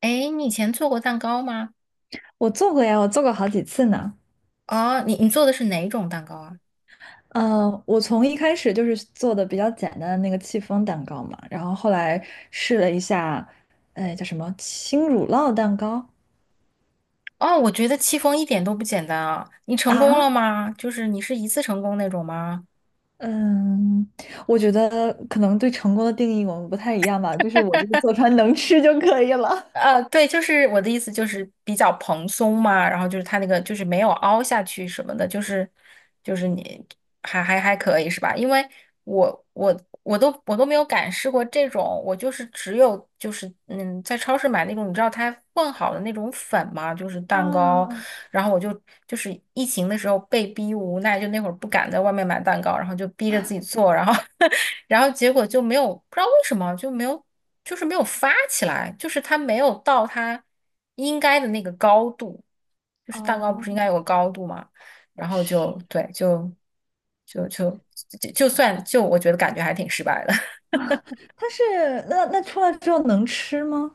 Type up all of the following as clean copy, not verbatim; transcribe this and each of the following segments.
诶，你以前做过蛋糕吗？我做过呀，我做过好几次呢。哦，你做的是哪种蛋糕啊？嗯，我从一开始就是做的比较简单的那个戚风蛋糕嘛，然后后来试了一下，哎，叫什么轻乳酪蛋糕哦，我觉得戚风一点都不简单啊！你成功了啊？吗？就是你是一次成功那种吗？嗯，我觉得可能对成功的定义我们不太一样吧，就是我这个做出来能吃就可以了。对，就是我的意思就是比较蓬松嘛，然后就是它那个就是没有凹下去什么的，就是你还可以是吧？因为我都没有敢试过这种，我就是只有就是在超市买那种你知道它混好的那种粉嘛，就是蛋糕。啊，然后我就就是疫情的时候被逼无奈，就那会儿不敢在外面买蛋糕，然后就逼着自己做，然后 然后结果就没有，不知道为什么就没有，就是没有发起来，就是它没有到它应该的那个高度，就是蛋糕不是应哦，该有个高度吗？然后就是，对，就就就我觉得感觉还挺失败的。它是那那出来之后能吃吗？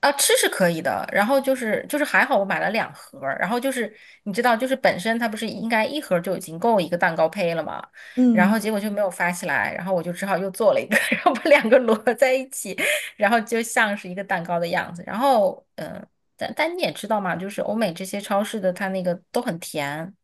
啊，吃是可以的，然后就是还好我买了两盒儿然后就是你知道，就是本身它不是应该一盒儿就已经够一个蛋糕胚了嘛，然嗯后结果就没有发起来，然后我就只好又做了一个，然后把两个摞在一起，然后就像是一个蛋糕的样子。然后但你也知道嘛，就是欧美这些超市的它那个都很甜，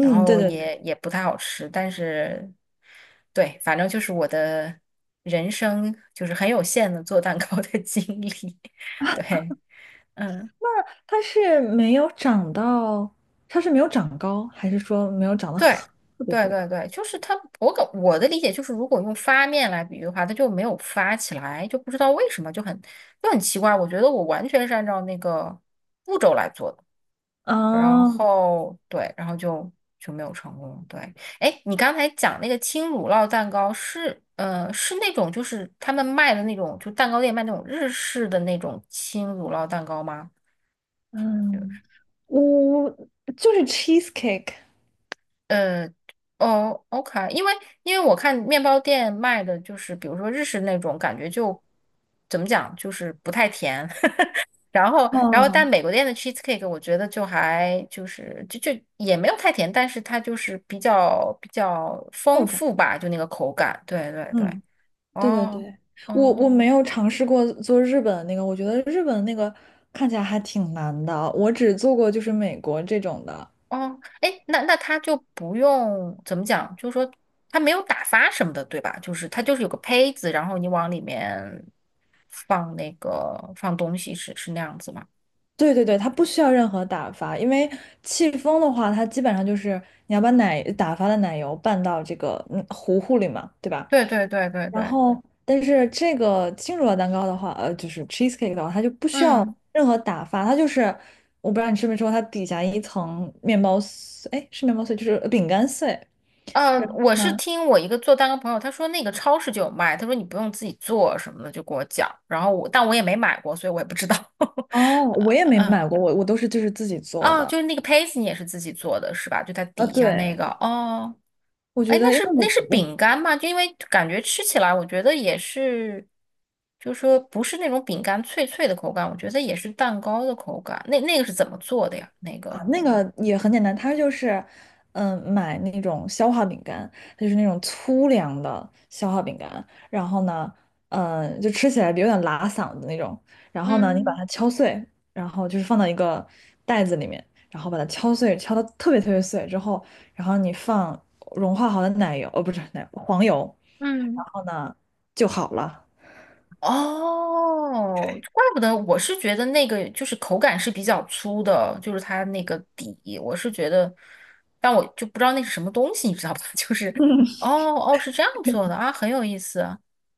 然对后对也对。也不太好吃，但是对，反正就是我的人生就是很有限的做蛋糕的经历。对，嗯，它是没有长到，它是没有长高，还是说没有长得对，很特别特对别高？对对，就是它，我的理解就是，如果用发面来比喻的话，它就没有发起来，就不知道为什么，就很奇怪。我觉得我完全是按照那个步骤来做的，然啊？后对，然后就就没有成功。对，哎，你刚才讲那个轻乳酪蛋糕是是那种就是他们卖的那种，就蛋糕店卖那种日式的那种轻乳酪蛋糕吗？嗯，我就是 cheesecake 呃，哦，OK,因为因为我看面包店卖的就是，比如说日式那种，感觉就怎么讲，就是不太甜。然后，然后但哦，美国店的 cheesecake 我觉得就还就是就就也没有太甜，但是它就是比较丰厚重。富吧，就那个口感。对对对，嗯，对对哦，对，我嗯。我没有尝试过做日本的那个，我觉得日本的那个看起来还挺难的，我只做过就是美国这种的。哦，哎，那那他就不用怎么讲，就是说他没有打发什么的，对吧？就是他就是有个胚子，然后你往里面放那个放东西是，是那样子吗？对对就对，它不需要任何打发，因为戚风的话，它基本上就是你要把奶打发的奶油拌到这个糊糊里嘛，对吧？对对对对然对，后，但是这个轻乳酪蛋糕的话，就是 cheesecake 的话，它就不需嗯要任何打发，它就是我不知道你吃没吃过，它底下一层面包碎，哎，是面包碎，就是饼干碎。然后我是呢，听我一个做蛋糕朋友，他说那个超市就有卖，他说你不用自己做什么的，就给我讲，然后我但我也没买过，所以我也不知道。哦，我也没买过，我都是就是自己做哦，就的。是那个胚子，你也是自己做的是吧？就它啊，底下那对，个哦，我哎，觉那得因是为那我是我饼干吗？就因为感觉吃起来，我觉得也是，就是说不是那种饼干脆脆的口感，我觉得也是蛋糕的口感。那那个是怎么做的呀？那啊，个那个也很简单，它就是，嗯，买那种消化饼干，它就是那种粗粮的消化饼干，然后呢，嗯，就吃起来有点拉嗓子那种，然后呢，你把嗯它敲碎，然后就是放到一个袋子里面，然后把它敲碎，敲到特别特别碎之后，然后你放融化好的奶油，哦，不是奶，黄油，然嗯。后呢就好了。哦，怪不得我是觉得那个就是口感是比较粗的，就是它那个底，我是觉得，但我就不知道那是什么东西，你知道吧？就是哦哦是这样做的啊，很有意思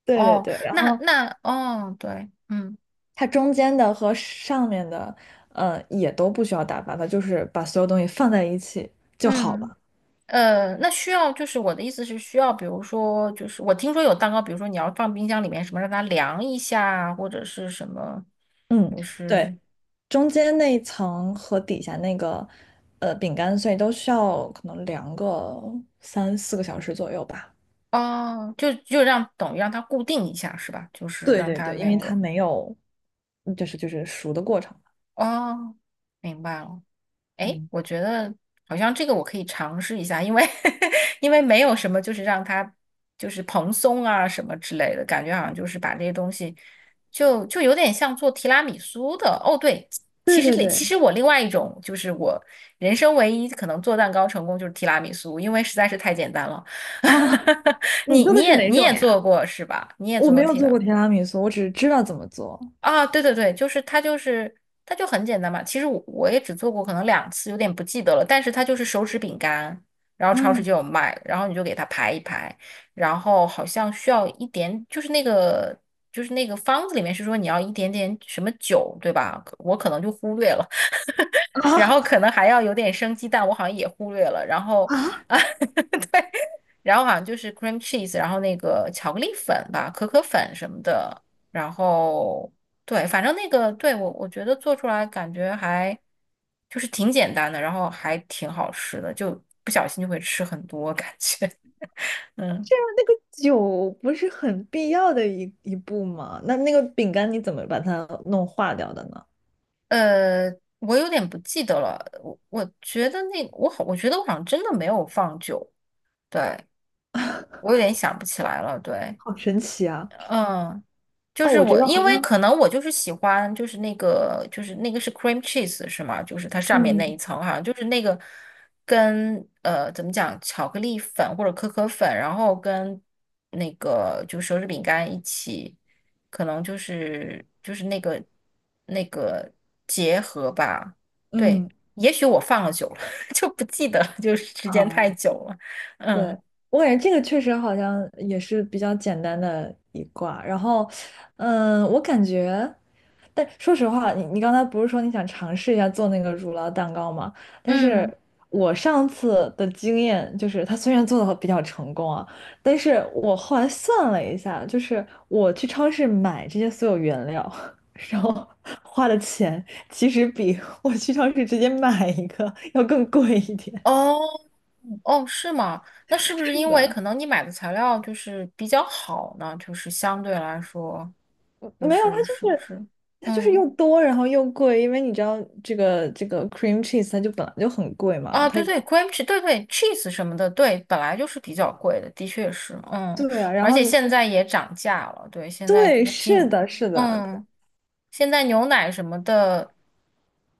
对对哦。对，然那后。那哦对，它中间的和上面的，也都不需要打发，它就是把所有东西放在一起就好嗯了。那需要就是我的意思是需要，比如说就是我听说有蛋糕，比如说你要放冰箱里面什么让它凉一下啊，或者是什么，嗯，就对，是。中间那一层和底下那个，饼干碎都需要可能凉个3、4个小时左右吧。哦，就就让等于让它固定一下是吧？就是对让对它对，因那为它个没有，就是就是熟的过程。哦，明白了。哎，嗯，我觉得好像这个我可以尝试一下，因为 因为没有什么就是让它就是蓬松啊什么之类的感觉，好像就是把这些东西就就有点像做提拉米苏的。哦，对，对其实对对 其实我另外一种就是我人生唯一可能做蛋糕成功就是提拉米苏，因为实在是太简单了。啊，你你做你的是也哪你种也做呀？过是吧？你也我做过没有提做拉。过提拉米苏，我只是知道怎么做。啊，对对对，就是它就是它就很简单嘛。其实我也只做过可能两次，有点不记得了。但是它就是手指饼干，然后超市嗯就有卖，然后你就给它排一排，然后好像需要一点，就是那个就是那个方子里面是说你要一点点什么酒，对吧？可我可能就忽略了，然啊后可能还要有点生鸡蛋，我好像也忽略了，然后啊！啊。然后好像就是 cream cheese,然后那个巧克力粉吧，可可粉什么的，然后对，反正那个对我觉得做出来感觉还就是挺简单的，然后还挺好吃的，就不小心就会吃很多感觉，嗯，这样那个酒不是很必要的一步吗？那那个饼干你怎么把它弄化掉的呢？呃，我有点不记得了，我觉得那我好，我觉得我好像真的没有放酒，对，我有点想不起来了，对。好神奇啊！嗯，就哦，是我觉我，得因好为像，可能我就是喜欢，就是那个，就是那个是 cream cheese 是吗？就是它上面那一嗯层，哈，就是那个跟怎么讲，巧克力粉或者可可粉，然后跟那个就手指饼干一起，可能就是那个结合吧。对，嗯，也许我放了久了，就不记得了，就是时间啊？太久了。嗯。对，我感觉这个确实好像也是比较简单的一卦。然后，嗯，我感觉，但说实话，你刚才不是说你想尝试一下做那个乳酪蛋糕吗？但是嗯，我上次的经验就是，它虽然做的比较成功啊，但是我后来算了一下，就是我去超市买这些所有原料，然后花的钱其实比我去超市直接买一个要更贵一点。哦。哦，是吗？那是不是是因为的，可能你买的材料就是比较好呢？就是相对来说，就没有，它是就是不是是？它就是嗯，又多，然后又贵，因为你知道这个 cream cheese 它就本来就很贵嘛，啊，它对对，cream cheese,对对，cheese 什么的，对，本来就是比较贵的，的确是，嗯，对啊，然而后且现它在也涨价了，对，现在对，是进，的，是的，嗯，现在牛奶什么的，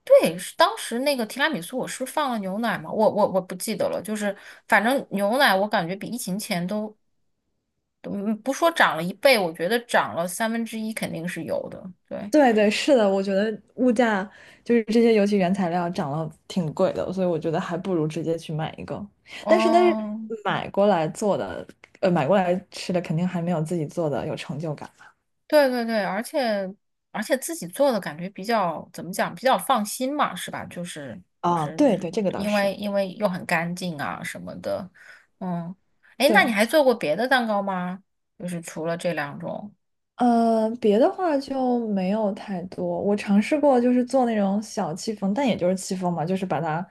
对，是当时那个提拉米苏，我是放了牛奶吗？我不记得了，就是反正牛奶我感觉比疫情前都。嗯，不说涨了一倍，我觉得涨了三分之一肯定是有的。对，对对是的，我觉得物价就是这些，尤其原材料涨了挺贵的，所以我觉得还不如直接去买一个。但是哦，买过来做的，买过来吃的肯定还没有自己做的有成就感对对对，而且自己做的感觉比较怎么讲，比较放心嘛，是吧？就是就啊。是对对，这个倒因是为因为又很干净啊什么的。嗯，哎，那你对。还做过别的蛋糕吗？就是除了这两种呃，别的话就没有太多。我尝试过，就是做那种小戚风，但也就是戚风嘛，就是把它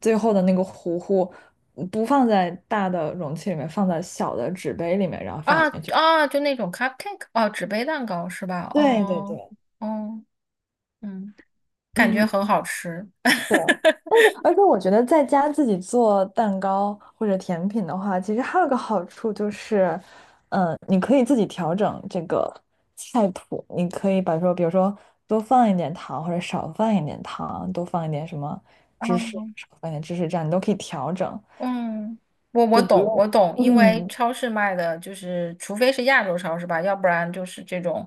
最后的那个糊糊不放在大的容器里面，放在小的纸杯里面，然后放啊进去。啊，就那种 cupcake 哦，纸杯蛋糕是吧？对对哦对，哦，嗯，感觉很嗯。好吃。对，但是而且我觉得在家自己做蛋糕或者甜品的话，其实还有个好处就是，嗯，你可以自己调整这个菜谱，你可以把说，比如说多放一点糖或者少放一点糖，多放一点什么芝士，少放一点芝士，这样你都可以调整，嗯，我就不懂，我用。懂，因为嗯，超市卖的就是，除非是亚洲超市吧，要不然就是这种，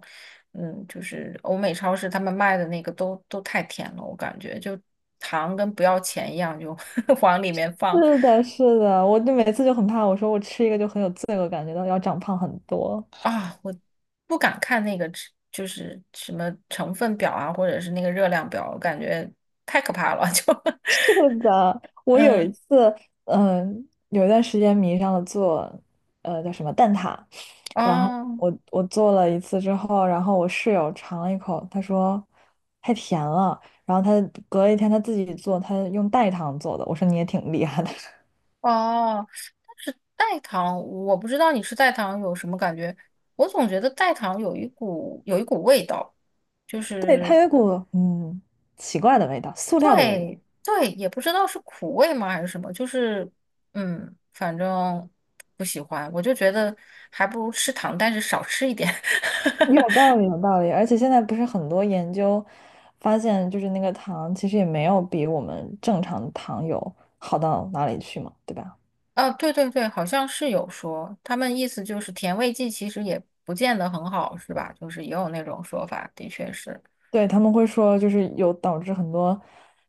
嗯，就是欧美超市他们卖的那个都都太甜了，我感觉就糖跟不要钱一样，就 往里面放是的，是的，我就每次就很怕，我说我吃一个就很有罪恶感，觉到要长胖很多。啊，我不敢看那个吃就是什么成分表啊，或者是那个热量表，我感觉太可怕了，就 是的，我有一嗯次，嗯，有一段时间迷上了做，叫什么蛋挞，然后啊。哦我做了一次之后，然后我室友尝了一口，他说太甜了，然后他隔了一天他自己做，他用代糖做的，我说你也挺厉害的，哦，但是代糖，我不知道你吃代糖有什么感觉，我总觉得代糖有一股味道，就 对，它是有一股嗯奇怪的味道，塑料的味道。对对，也不知道是苦味吗还是什么，就是嗯，反正不喜欢，我就觉得还不如吃糖，但是少吃一点。有 道理，有道理，而且现在不是很多研究发现，就是那个糖其实也没有比我们正常的糖有好到哪里去嘛，对吧？啊，对对对，好像是有说，他们意思就是甜味剂其实也不见得很好，是吧？就是也有那种说法，的确是。对，他们会说就是有导致很多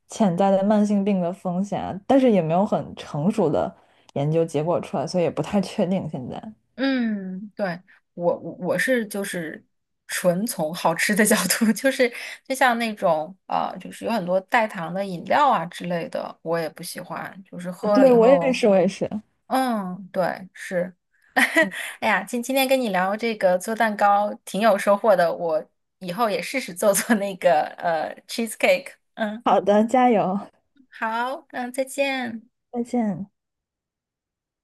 潜在的慢性病的风险啊但是也没有很成熟的研究结果出来，所以也不太确定现在。嗯，对，我是就是纯从好吃的 角度，就是就像那种就是有很多代糖的饮料啊之类的，我也不喜欢，就是 喝了对，以我也后，是，我也是。嗯，对，是，嗯，哎呀，今天跟你聊这个做蛋糕挺有收获的，我以后也试试做做那个cheesecake,嗯，好的，加油，好，嗯，再见。再见。